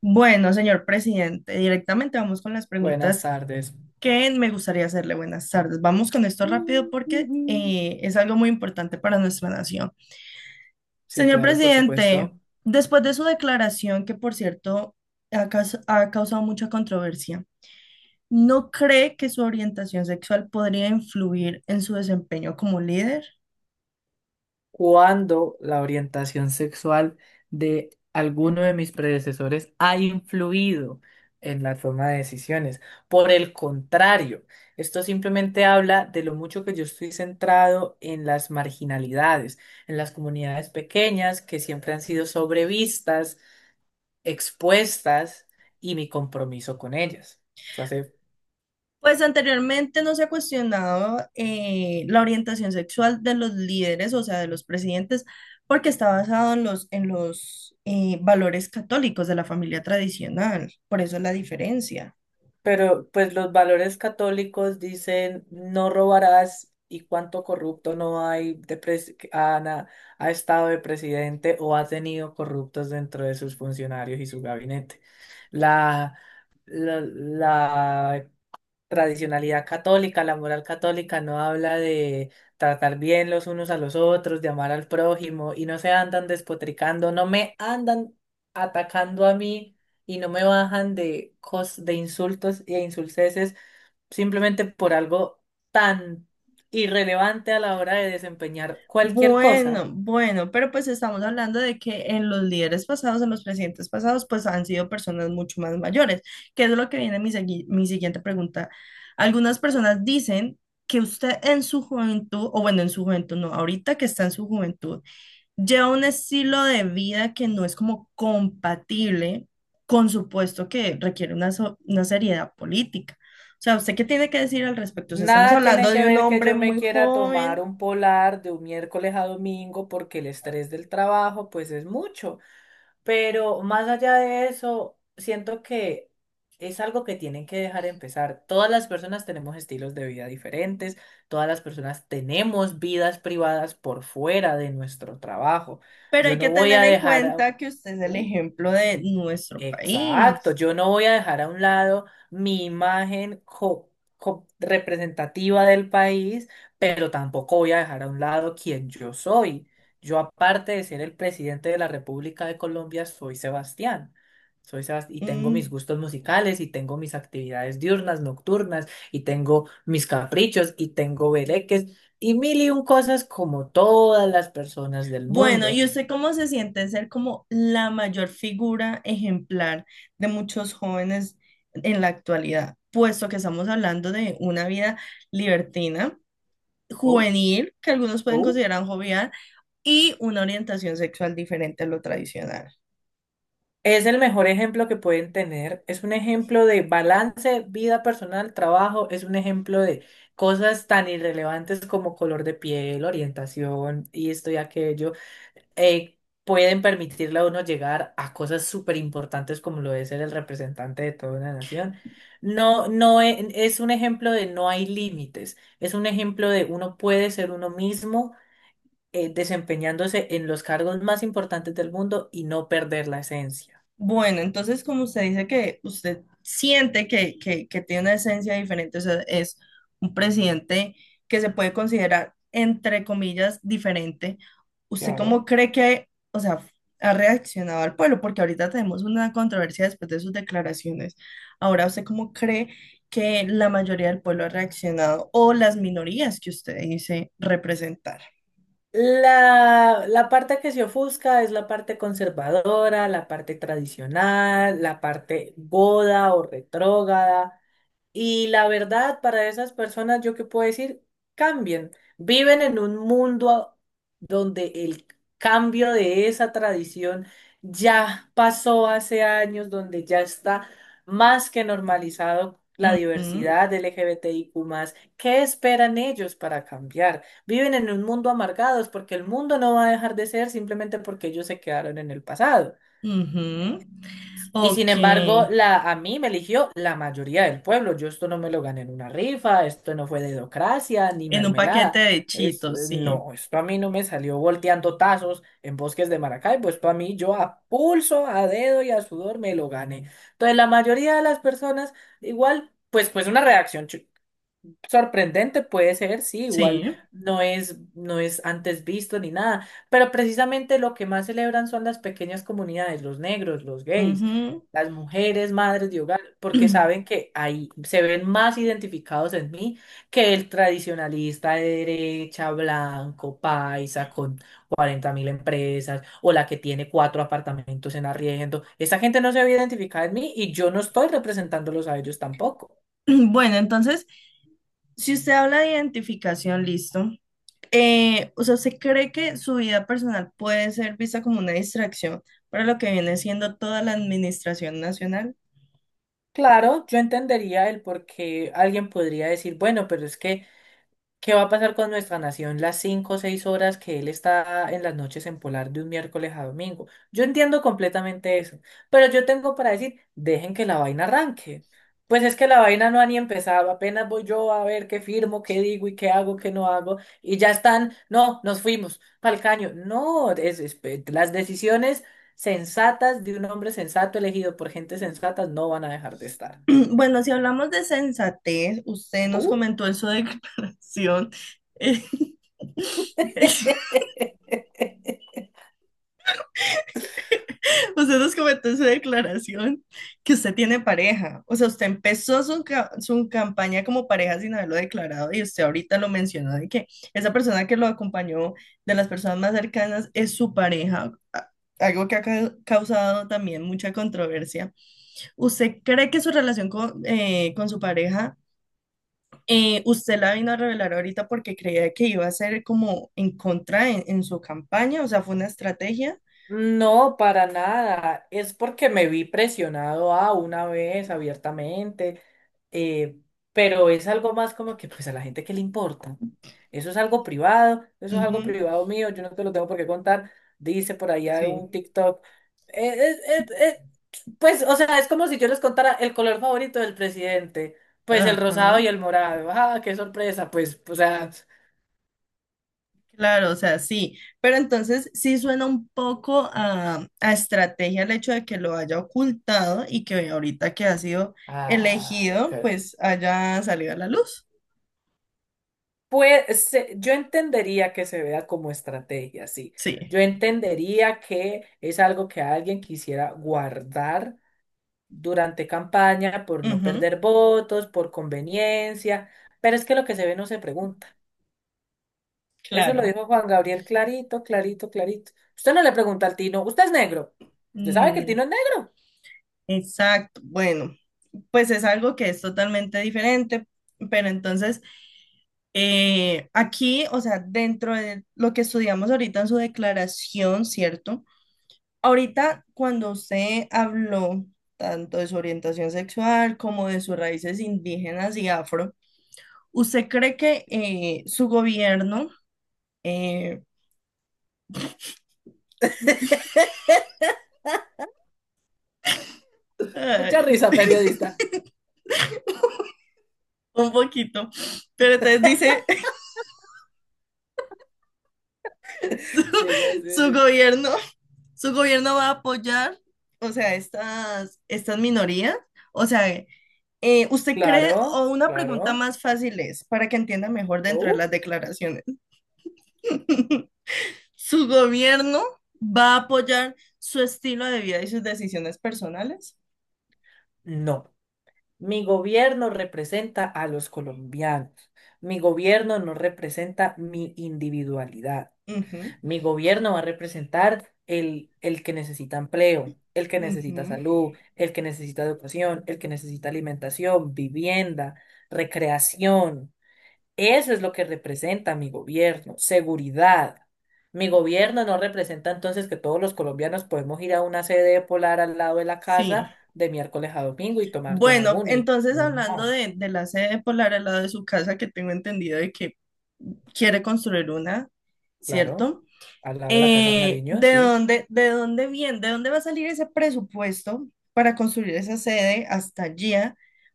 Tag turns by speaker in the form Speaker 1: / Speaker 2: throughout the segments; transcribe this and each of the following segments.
Speaker 1: Bueno, señor presidente, directamente vamos con las
Speaker 2: Buenas
Speaker 1: preguntas
Speaker 2: tardes.
Speaker 1: que me gustaría hacerle. Buenas tardes. Vamos con esto rápido porque es algo muy importante para nuestra nación.
Speaker 2: Sí,
Speaker 1: Señor
Speaker 2: claro, por
Speaker 1: presidente,
Speaker 2: supuesto.
Speaker 1: después de su declaración, que por cierto ha causado mucha controversia, ¿no cree que su orientación sexual podría influir en su desempeño como líder?
Speaker 2: Cuando la orientación sexual de alguno de mis predecesores ha influido en la toma de decisiones. Por el contrario, esto simplemente habla de lo mucho que yo estoy centrado en las marginalidades, en las comunidades pequeñas que siempre han sido sobrevistas, expuestas y mi compromiso con ellas. Eso hace.
Speaker 1: Pues anteriormente no se ha cuestionado la orientación sexual de los líderes, o sea, de los presidentes, porque está basado en los valores católicos de la familia tradicional. Por eso la diferencia.
Speaker 2: Pero pues los valores católicos dicen no robarás, y cuánto corrupto no hay de que ha estado de presidente o ha tenido corruptos dentro de sus funcionarios y su gabinete. La, la tradicionalidad católica, la moral católica no habla de tratar bien los unos a los otros, de amar al prójimo, y no se andan despotricando, no me andan atacando a mí y no me bajan de insultos e insulceses simplemente por algo tan irrelevante a la hora de desempeñar cualquier cosa.
Speaker 1: Bueno, bueno, pero pues estamos hablando de que en los líderes pasados, en los presidentes pasados, pues han sido personas mucho más mayores, que es lo que viene mi siguiente pregunta. Algunas personas dicen que usted en su juventud, o bueno, en su juventud, no, ahorita que está en su juventud, lleva un estilo de vida que no es como compatible con su puesto que requiere una seriedad política. O sea, ¿usted qué tiene que decir al respecto? O sea, estamos
Speaker 2: Nada
Speaker 1: hablando
Speaker 2: tiene que
Speaker 1: de un
Speaker 2: ver que
Speaker 1: hombre
Speaker 2: yo me
Speaker 1: muy
Speaker 2: quiera tomar
Speaker 1: joven,
Speaker 2: un polar de un miércoles a domingo porque el estrés del trabajo pues es mucho. Pero más allá de eso, siento que es algo que tienen que dejar empezar. Todas las personas tenemos estilos de vida diferentes, todas las personas tenemos vidas privadas por fuera de nuestro trabajo.
Speaker 1: pero
Speaker 2: Yo
Speaker 1: hay
Speaker 2: no
Speaker 1: que
Speaker 2: voy
Speaker 1: tener
Speaker 2: a
Speaker 1: en
Speaker 2: dejar a...
Speaker 1: cuenta que usted es el
Speaker 2: uh,
Speaker 1: ejemplo de nuestro
Speaker 2: Exacto,
Speaker 1: país.
Speaker 2: yo no voy a dejar a un lado mi imagen representativa del país, pero tampoco voy a dejar a un lado quien yo soy. Yo, aparte de ser el presidente de la República de Colombia, soy Sebastián. Y tengo mis
Speaker 1: Mm.
Speaker 2: gustos musicales, y tengo mis actividades diurnas, nocturnas, y tengo mis caprichos, y tengo bereques, y mil y un cosas como todas las personas del
Speaker 1: Bueno,
Speaker 2: mundo.
Speaker 1: ¿y usted cómo se siente ser como la mayor figura ejemplar de muchos jóvenes en la actualidad? Puesto que estamos hablando de una vida libertina
Speaker 2: Oh,
Speaker 1: juvenil, que algunos pueden
Speaker 2: oh.
Speaker 1: considerar jovial, y una orientación sexual diferente a lo tradicional.
Speaker 2: Es el mejor ejemplo que pueden tener. Es un ejemplo de balance, vida personal, trabajo. Es un ejemplo de cosas tan irrelevantes como color de piel, orientación y esto y aquello. eh, Pueden permitirle a uno llegar a cosas súper importantes como lo es ser el representante de toda una nación. No, es un ejemplo de no hay límites. Es un ejemplo de uno puede ser uno mismo, desempeñándose en los cargos más importantes del mundo y no perder la esencia.
Speaker 1: Bueno, entonces como usted dice que usted siente que tiene una esencia diferente, o sea, es un presidente que se puede considerar, entre comillas, diferente, ¿usted cómo
Speaker 2: Claro.
Speaker 1: cree que, o sea, ha reaccionado al pueblo? Porque ahorita tenemos una controversia después de sus declaraciones. Ahora, ¿usted cómo cree que la mayoría del pueblo ha reaccionado o las minorías que usted dice representar?
Speaker 2: La parte que se ofusca es la parte conservadora, la parte tradicional, la parte goda o retrógrada, y la verdad, para esas personas, yo qué puedo decir, cambien. Viven en un mundo donde el cambio de esa tradición ya pasó hace años, donde ya está más que normalizado la
Speaker 1: Ujú,
Speaker 2: diversidad LGBTIQ+. ¿Qué esperan ellos para cambiar? Viven en un mundo amargados porque el mundo no va a dejar de ser simplemente porque ellos se quedaron en el pasado.
Speaker 1: ujú.
Speaker 2: Y sin
Speaker 1: OK,
Speaker 2: embargo, a mí me eligió la mayoría del pueblo. Yo esto no me lo gané en una rifa, esto no fue dedocracia ni
Speaker 1: en un paquete
Speaker 2: mermelada.
Speaker 1: de chitos, sí.
Speaker 2: No, esto a mí no me salió volteando tazos en bosques de Maracaibo. Esto a mí, yo a pulso, a dedo y a sudor me lo gané. Entonces, la mayoría de las personas, igual, pues, pues una reacción sorprendente puede ser, sí, igual
Speaker 1: Sí.
Speaker 2: no es antes visto ni nada, pero precisamente lo que más celebran son las pequeñas comunidades, los negros, los gays,
Speaker 1: Ujú.
Speaker 2: las mujeres, madres de hogar, porque saben que ahí se ven más identificados en mí que el tradicionalista de derecha, blanco, paisa, con 40.000 empresas, o la que tiene cuatro apartamentos en arriendo. Esa gente no se ve identificada en mí y yo no estoy representándolos a ellos tampoco.
Speaker 1: Bueno, entonces, si usted habla de identificación, listo. O sea, ¿usted cree que su vida personal puede ser vista como una distracción para lo que viene siendo toda la administración nacional?
Speaker 2: Claro, yo entendería el por qué alguien podría decir, bueno, pero es que, ¿qué va a pasar con nuestra nación las 5 o 6 horas que él está en las noches en Polar de un miércoles a domingo? Yo entiendo completamente eso, pero yo tengo para decir, dejen que la vaina arranque. Pues es que la vaina no ha ni empezado, apenas voy yo a ver qué firmo, qué digo y qué hago, qué no hago, y ya están, no, nos fuimos pa'l caño. No, las decisiones sensatas de un hombre sensato elegido por gente sensata no van a dejar de estar.
Speaker 1: Bueno, si hablamos de sensatez, usted nos
Speaker 2: Uh.
Speaker 1: comentó en su declaración. eh, Usted nos comentó en su declaración que usted tiene pareja. O sea, usted empezó su campaña como pareja sin haberlo declarado y usted ahorita lo mencionó de que esa persona que lo acompañó de las personas más cercanas es su pareja. Algo que ha causado también mucha controversia. ¿Usted cree que su relación con su pareja, usted la vino a revelar ahorita porque creía que iba a ser como en contra en su campaña? O sea, fue una estrategia.
Speaker 2: No, para nada. Es porque me vi presionado a una vez abiertamente, eh, pero es algo más como que pues a la gente que le importa. Eso es algo privado, eso es algo
Speaker 1: Ujú,
Speaker 2: privado mío, yo no te lo tengo por qué contar. Dice por allá
Speaker 1: sí.
Speaker 2: un TikTok. eh, eh, eh, eh, pues, o sea, es como si yo les contara el color favorito del presidente, pues el rosado y
Speaker 1: Ajá.
Speaker 2: el morado. Ah, qué sorpresa, pues, o sea,
Speaker 1: Claro, o sea, sí, pero entonces sí suena un poco a estrategia el hecho de que lo haya ocultado y que ahorita que ha sido
Speaker 2: ay,
Speaker 1: elegido, pues haya salido a la luz.
Speaker 2: Pues yo entendería que se vea como estrategia, sí.
Speaker 1: Sí,
Speaker 2: Yo entendería que es algo que alguien quisiera guardar durante campaña por no
Speaker 1: ujú,
Speaker 2: perder votos, por conveniencia, pero es que lo que se ve no se pregunta. Eso lo
Speaker 1: claro.
Speaker 2: dijo Juan Gabriel, clarito, clarito, clarito. Usted no le pregunta al Tino, ¿usted es negro? ¿Usted sabe que el
Speaker 1: Mm,
Speaker 2: Tino es negro?
Speaker 1: exacto, bueno, pues es algo que es totalmente diferente, pero entonces aquí, o sea, dentro de lo que estudiamos ahorita en su declaración, ¿cierto? Ahorita, cuando se habló tanto de su orientación sexual como de sus raíces indígenas y afro, ¿usted cree que su gobierno, eh,
Speaker 2: Mucha
Speaker 1: ay,
Speaker 2: risa,
Speaker 1: sí,
Speaker 2: periodista.
Speaker 1: un poquito, pero entonces dice, su,
Speaker 2: Siga
Speaker 1: su
Speaker 2: así.
Speaker 1: gobierno, su gobierno va a apoyar, o sea, estas minorías? O sea, ¿usted cree,
Speaker 2: Claro,
Speaker 1: o una pregunta
Speaker 2: claro.
Speaker 1: más fácil es, para que entienda mejor dentro de
Speaker 2: Oh,
Speaker 1: las declaraciones? Su gobierno va a apoyar su estilo de vida y sus decisiones personales.
Speaker 2: no. Mi gobierno representa a los colombianos. Mi gobierno no representa mi individualidad.
Speaker 1: Ujú,
Speaker 2: Mi gobierno va a representar el que necesita empleo, el que necesita
Speaker 1: ujú,
Speaker 2: salud, el que necesita educación, el que necesita alimentación, vivienda, recreación. Eso es lo que representa mi gobierno, seguridad. Mi gobierno no representa entonces que todos los colombianos podemos ir a una sede polar al lado de la
Speaker 1: sí.
Speaker 2: casa de miércoles a domingo y tomar
Speaker 1: Bueno,
Speaker 2: Yonaguni.
Speaker 1: entonces hablando
Speaker 2: No,
Speaker 1: de la sede polar al lado de su casa, que tengo entendido de que quiere construir una,
Speaker 2: claro,
Speaker 1: ¿cierto?
Speaker 2: al lado de la Casa de Nariño,
Speaker 1: ¿De
Speaker 2: sí.
Speaker 1: dónde, de dónde viene, de dónde va a salir ese presupuesto para construir esa sede hasta allí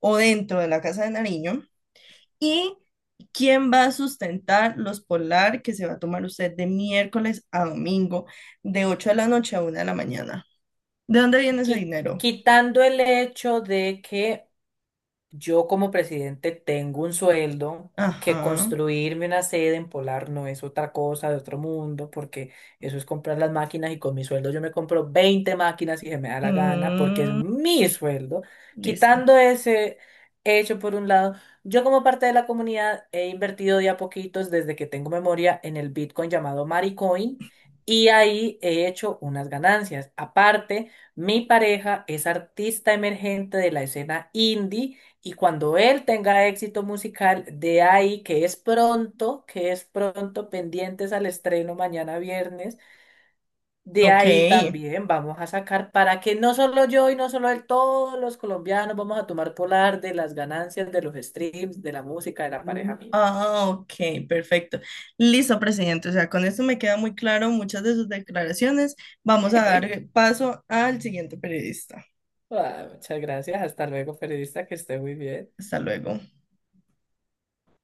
Speaker 1: o dentro de la Casa de Nariño? ¿Y quién va a sustentar los polar que se va a tomar usted de miércoles a domingo, de 8 de la noche a 1 de la mañana? ¿De dónde viene ese
Speaker 2: Qui-
Speaker 1: dinero?
Speaker 2: quitando el hecho de que yo como presidente tengo un sueldo, que
Speaker 1: Ajá.
Speaker 2: construirme una sede en Polar no es otra cosa de otro mundo, porque eso es comprar las máquinas, y con mi sueldo yo me compro 20 máquinas si se me da la gana, porque es
Speaker 1: Mm,
Speaker 2: mi sueldo.
Speaker 1: listo.
Speaker 2: Quitando ese hecho por un lado, yo como parte de la comunidad he invertido de a poquitos desde que tengo memoria en el Bitcoin llamado Maricoin, y ahí he hecho unas ganancias. Aparte, mi pareja es artista emergente de la escena indie, y cuando él tenga éxito musical, de ahí, que es pronto, pendientes al estreno mañana viernes, de
Speaker 1: OK.
Speaker 2: ahí también vamos a sacar para que no solo yo y no solo él, todos los colombianos vamos a tomar polar de las ganancias de los streams, de la música, de la pareja mía.
Speaker 1: Ah, OK, perfecto. Listo, presidente. O sea, con esto me queda muy claro muchas de sus declaraciones. Vamos a dar paso al siguiente periodista.
Speaker 2: Ah, muchas gracias, hasta luego, periodista, que esté muy bien.
Speaker 1: Hasta luego.